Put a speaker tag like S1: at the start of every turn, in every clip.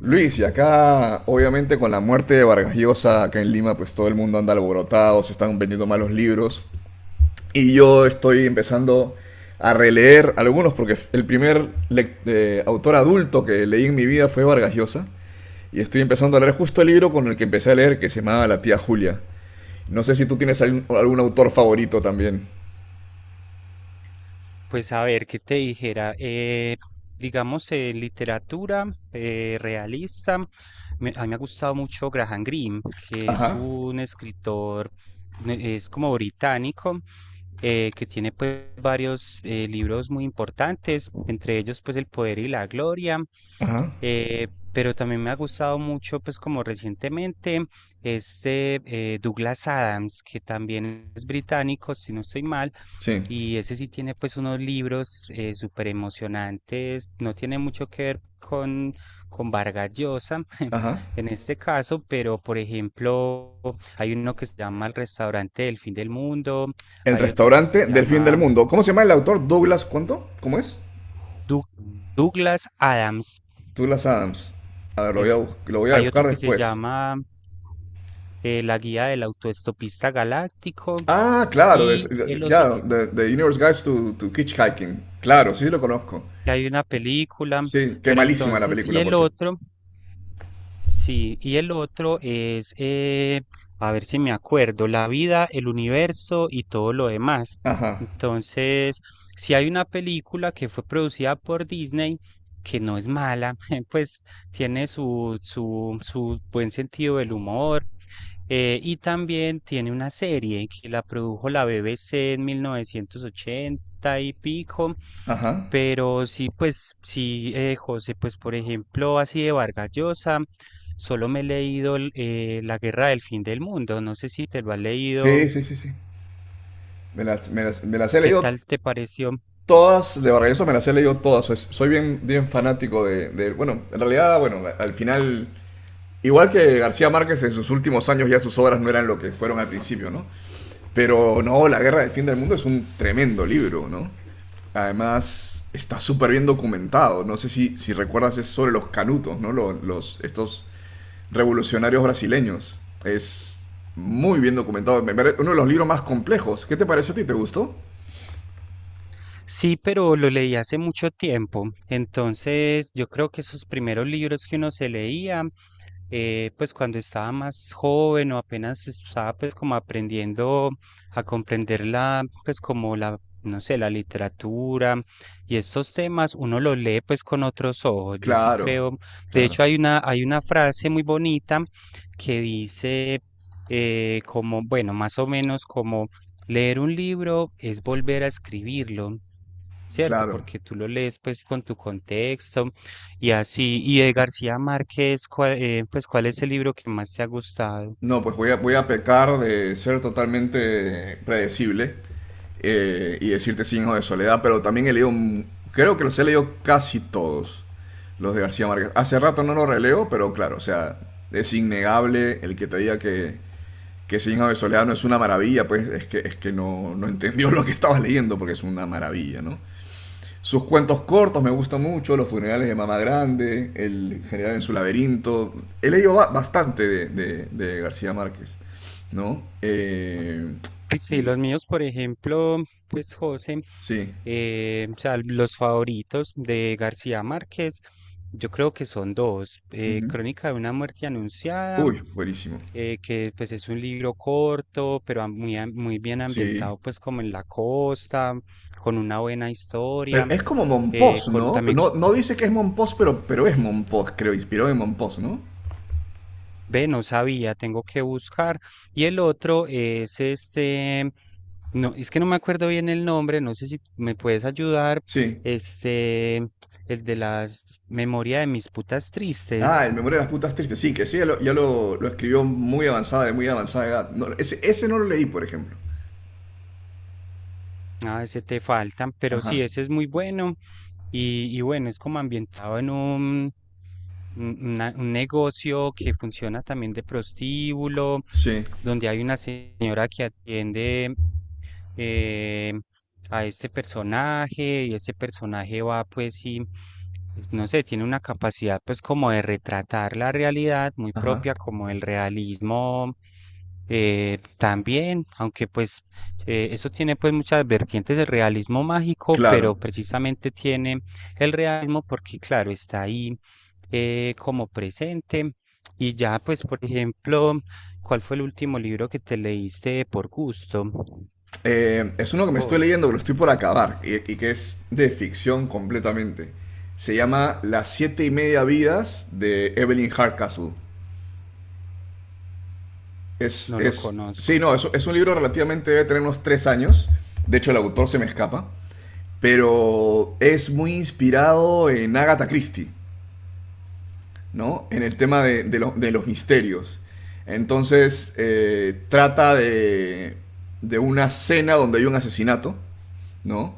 S1: Luis, y acá obviamente con la muerte de Vargas Llosa acá en Lima, pues todo el mundo anda alborotado, se están vendiendo malos libros. Y yo estoy empezando a releer algunos porque el primer autor adulto que leí en mi vida fue Vargas Llosa. Y estoy empezando a leer justo el libro con el que empecé a leer, que se llamaba La tía Julia. No sé si tú tienes algún autor favorito también.
S2: Pues a ver, ¿qué te dijera? Digamos, literatura realista. A mí me ha gustado mucho Graham Greene, que es
S1: Ajá,
S2: un escritor, es como británico, que tiene pues varios libros muy importantes, entre ellos pues El Poder y la Gloria.
S1: ajá,
S2: Pero también me ha gustado mucho pues como recientemente este Douglas Adams, que también es británico, si no estoy mal,
S1: sí,
S2: y ese sí tiene pues unos libros súper emocionantes, no tiene mucho que ver con Vargas Llosa
S1: ajá.
S2: en este caso, pero por ejemplo hay uno que se llama El restaurante del fin del mundo,
S1: El
S2: hay otro que se
S1: restaurante del fin del
S2: llama
S1: mundo. ¿Cómo se llama el autor? Douglas, ¿cuánto? ¿Cómo es?
S2: Doug- Douglas Adams,
S1: Douglas Adams. A ver,
S2: eh,
S1: lo voy a
S2: hay otro
S1: buscar
S2: que se
S1: después.
S2: llama La guía del autoestopista galáctico,
S1: Ah,
S2: y el otro que
S1: claro, The Universe Guides to Hitchhiking. Claro, sí lo conozco.
S2: que hay una película,
S1: Sí, qué
S2: pero
S1: malísima la
S2: entonces, y
S1: película,
S2: el
S1: por cierto.
S2: otro. Sí, y el otro es, a ver si me acuerdo, la vida, el universo y todo lo demás.
S1: Ajá,
S2: Entonces, si hay una película que fue producida por Disney, que no es mala, pues tiene su, su, su buen sentido del humor, y también tiene una serie que la produjo la BBC en 1980 y pico.
S1: ajá.
S2: Pero sí, pues sí, José, pues por ejemplo, así de Vargas Llosa. Solo me he leído el, La Guerra del Fin del Mundo. No sé si te lo has leído.
S1: Sí, sí, sí, sí. Me las he
S2: ¿Qué
S1: leído
S2: tal te pareció?
S1: todas, de Vargas Llosa me las he leído todas. Soy bien fanático de, bueno, en realidad, bueno, al final... Igual que García Márquez en sus últimos años ya sus obras no eran lo que fueron al principio, ¿no? Pero no, La Guerra del Fin del Mundo es un tremendo libro, ¿no? Además, está súper bien documentado. No sé si, si recuerdas, es sobre los canutos, ¿no? Estos revolucionarios brasileños. Es muy bien documentado. Uno de los libros más complejos. ¿Qué te pareció a ti? ¿Te gustó?
S2: Sí, pero lo leí hace mucho tiempo. Entonces, yo creo que esos primeros libros que uno se leía pues cuando estaba más joven, o apenas estaba pues como aprendiendo a comprender la, pues como la, no sé, la literatura y estos temas, uno lo lee pues con otros ojos. Yo sí
S1: Claro,
S2: creo, de
S1: claro,
S2: hecho hay una frase muy bonita que dice como, bueno, más o menos como: leer un libro es volver a escribirlo. ¿Cierto?
S1: claro.
S2: Porque tú lo lees pues con tu contexto, y así. Y de García Márquez, ¿cuál, pues, ¿cuál es el libro que más te ha gustado?
S1: No, pues voy a pecar de ser totalmente predecible y decirte Sin Hijos de Soledad, pero también he leído, creo que los he leído casi todos, los de García Márquez. Hace rato no los releo, pero claro, o sea, es innegable el que te diga que Sin Hijos de Soledad no es una maravilla, pues es que no, no entendió lo que estaba leyendo, porque es una maravilla, ¿no? Sus cuentos cortos me gustan mucho, Los funerales de Mamá Grande, El general en su laberinto. He leído bastante de, de García Márquez, ¿no?
S2: Pues sí,
S1: Y
S2: los míos, por ejemplo, pues José,
S1: sí.
S2: o sea, los favoritos de García Márquez, yo creo que son dos.
S1: Ujú.
S2: Crónica de una muerte anunciada,
S1: Uy, buenísimo.
S2: que pues es un libro corto, pero muy, muy bien
S1: Sí.
S2: ambientado pues como en la costa, con una buena historia,
S1: Pero es como Monpós,
S2: con
S1: ¿no? Pero
S2: también.
S1: no, no dice que es Monpós, pero es Monpós, creo, inspiró en Monpós, ¿no?
S2: Ve, no sabía, tengo que buscar. Y el otro es este, no, es que no me acuerdo bien el nombre, no sé si me puedes ayudar,
S1: Sí.
S2: este, el de las memorias de mis putas tristes.
S1: Ah, el Memoria de las Putas Tristes, sí, que sí, ya lo lo- escribió muy avanzada, de muy avanzada edad. No, ese no lo leí, por ejemplo.
S2: Ah, ese te faltan, pero sí,
S1: Ajá.
S2: ese es muy bueno, y bueno, es como ambientado en un, un negocio que funciona también de prostíbulo,
S1: Sí.
S2: donde hay una señora que atiende eh, a este personaje, y ese personaje va pues y no sé, tiene una capacidad pues como de retratar la realidad muy
S1: Ajá.
S2: propia como el realismo, también, aunque pues eso tiene pues muchas vertientes del realismo mágico,
S1: Claro.
S2: pero precisamente tiene el realismo porque claro, está ahí como presente. Y ya pues, por ejemplo, ¿cuál fue el último libro que te leíste por gusto?
S1: Es uno que me estoy
S2: Vos,
S1: leyendo, que lo estoy por acabar, y que es de ficción completamente. Se llama Las siete y media vidas de Evelyn Hardcastle.
S2: no lo conozco.
S1: Sí, no, es un libro relativamente, debe tener unos 3 años. De hecho, el autor se me escapa. Pero es muy inspirado en Agatha Christie, ¿no? En el tema de, de los misterios. Entonces, trata de una cena donde hay un asesinato, ¿no?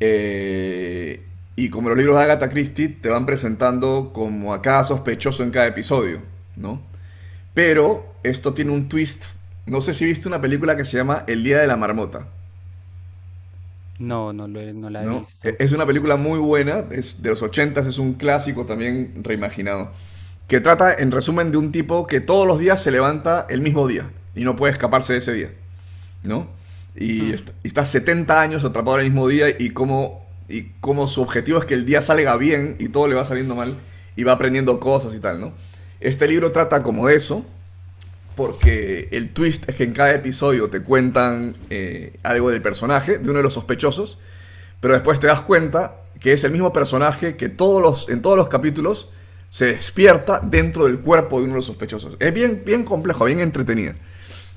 S1: Eh, y como los libros de Agatha Christie te van presentando como a cada sospechoso en cada episodio, ¿no? Pero esto tiene
S2: Mm,
S1: un twist. No sé si viste una película que se llama El Día de la Marmota,
S2: no, no no la he
S1: ¿no?
S2: visto.
S1: Es una película muy buena, es de los ochentas, es un clásico también reimaginado, que trata en resumen de un tipo que todos los días se levanta el mismo día y no puede escaparse de ese día, ¿no? Y,
S2: Mm.
S1: y está 70 años atrapado en el mismo día y como y cómo su objetivo es que el día salga bien y todo le va saliendo mal y va aprendiendo cosas y tal, ¿no? Este libro trata como de eso, porque el twist es que en cada episodio te cuentan algo del personaje, de uno de los sospechosos, pero después te das cuenta que es el mismo personaje que todos los, en todos los capítulos se despierta dentro del cuerpo de uno de los sospechosos. Es bien, bien complejo, bien entretenido.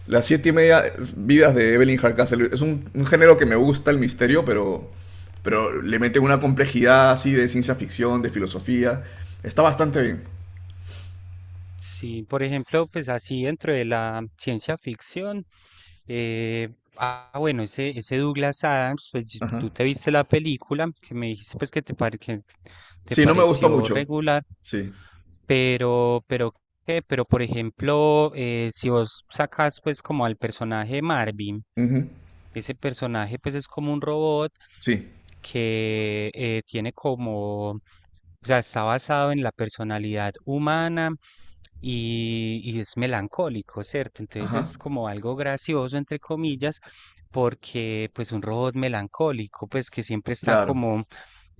S1: Las siete y media vidas de Evelyn Hardcastle. Es un género que me gusta, el misterio, pero le meten una complejidad así de ciencia ficción, de filosofía. Está bastante bien.
S2: Sí, por ejemplo, pues así dentro de la ciencia ficción, eh, ah, bueno, ese Douglas Adams, pues
S1: Ajá.
S2: tú te viste la película, que me dijiste pues que te, que te
S1: Sí, no me gustó
S2: pareció
S1: mucho.
S2: regular,
S1: Sí.
S2: pero, ¿qué? Pero, por ejemplo, si vos sacas pues como al personaje Marvin,
S1: Ujú.
S2: ese personaje pues es como un robot
S1: Sí.
S2: que tiene como, o sea, está basado en la personalidad humana, y es melancólico, ¿cierto? Entonces
S1: Ajá.
S2: es como algo gracioso, entre comillas, porque pues un robot melancólico, pues que siempre está
S1: Claro.
S2: como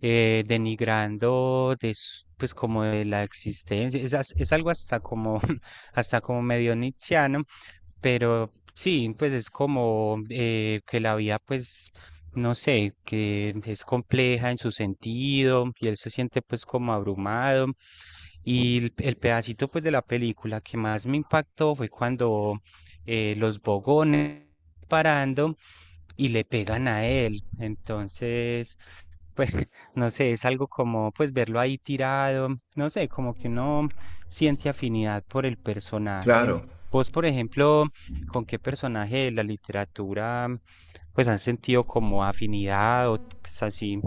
S2: denigrando de, pues como de la existencia, es, es algo hasta como, hasta como medio nietzscheano. Pero sí, pues es como que la vida, pues, no sé, que es compleja en su sentido y él se siente pues como abrumado. Y el pedacito pues de la película que más me impactó fue cuando los bogones parando y le pegan a él. Entonces, pues no sé, es algo como pues verlo ahí tirado, no sé, como que uno siente afinidad por el personaje.
S1: Claro.
S2: Vos, por ejemplo, ¿con qué personaje de la literatura pues has sentido como afinidad o pues, así?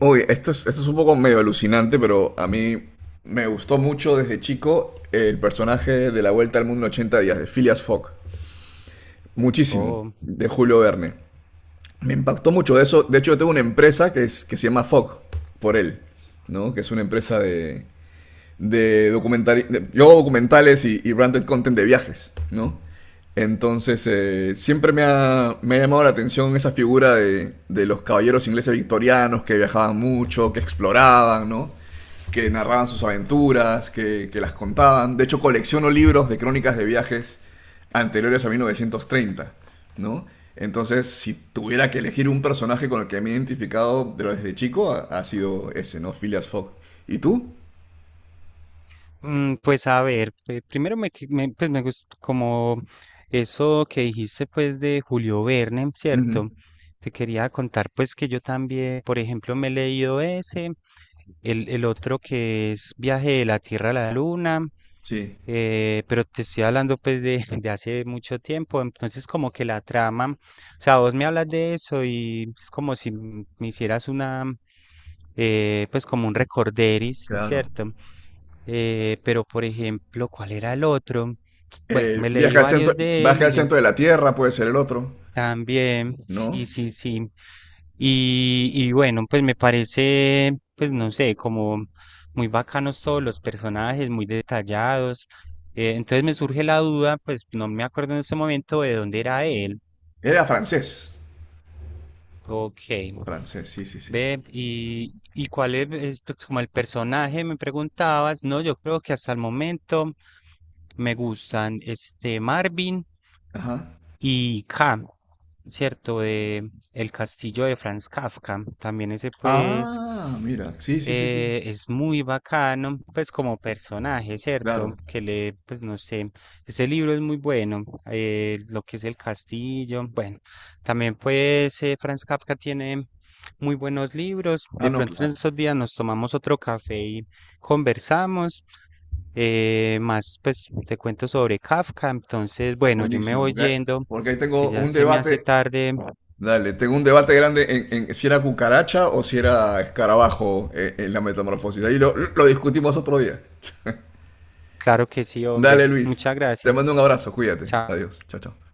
S1: Uy, esto es un poco medio alucinante, pero a mí me gustó mucho desde chico el personaje de La Vuelta al Mundo en 80 días, de Phileas Fogg. Muchísimo.
S2: Oh.
S1: De Julio Verne. Me impactó mucho eso. De hecho, yo tengo una empresa que se llama FOG, por él, ¿no? Que es una empresa de documental, yo hago documentales y branded content de viajes, ¿no? Entonces, siempre me ha llamado la atención esa figura de los caballeros ingleses victorianos que viajaban mucho, que exploraban, ¿no? Que narraban sus aventuras, que las contaban. De hecho, colecciono libros de crónicas de viajes anteriores a 1930, ¿no? Entonces, si tuviera que elegir un personaje con el que me he identificado desde chico, ha sido ese, ¿no? Phileas Fogg. ¿Y tú?
S2: Mm, pues a ver, primero me, pues me gustó como eso que dijiste pues de Julio Verne,
S1: Ujú.
S2: ¿cierto? Te quería contar pues que yo también, por ejemplo, me he leído ese, el otro que es Viaje de la Tierra a la Luna,
S1: Sí,
S2: pero te estoy hablando pues de, de hace mucho tiempo, entonces como que la trama, o sea, vos me hablas de eso y es como si me hicieras una, pues como un recorderis,
S1: claro.
S2: ¿cierto? Pero, por ejemplo, ¿cuál era el otro? Bueno, me leí varios de
S1: Viaje
S2: él
S1: al
S2: y
S1: centro de la Tierra puede ser el otro,
S2: también, sí,
S1: ¿no?
S2: sí, sí. Y bueno, pues me parece, pues no sé, como muy bacanos todos los personajes, muy detallados. Entonces me surge la duda, pues no me acuerdo en ese momento de dónde era él.
S1: Era francés.
S2: Ok.
S1: Francés, sí, sí, sí.
S2: Ve, ¿y cuál es, pues, como el personaje? Me preguntabas. No, yo creo que hasta el momento me gustan este Marvin.
S1: Ajá.
S2: Y K, ¿cierto? De El castillo, de Franz Kafka. También ese pues
S1: Ah, mira, sí, sí, sí, sí.
S2: es muy bacano, pues como personaje,
S1: Claro.
S2: ¿cierto? Que le, pues no sé, ese libro es muy bueno, lo que es el castillo, bueno, también pues Franz Kafka tiene muy buenos libros.
S1: Ah,
S2: De
S1: no,
S2: pronto en
S1: claro.
S2: estos días nos tomamos otro café y conversamos, más pues te cuento sobre Kafka. Entonces bueno, yo me
S1: Buenísimo,
S2: voy
S1: porque,
S2: yendo,
S1: porque ahí
S2: que
S1: tengo
S2: ya
S1: un
S2: se me hace
S1: debate.
S2: tarde.
S1: Dale, tengo un debate grande en si era cucaracha o si era escarabajo en, la metamorfosis. Ahí lo discutimos otro día.
S2: Claro que sí, hombre.
S1: Dale, Luis.
S2: Muchas
S1: Te
S2: gracias.
S1: mando un abrazo, cuídate.
S2: Chao.
S1: Adiós. Chao, chao.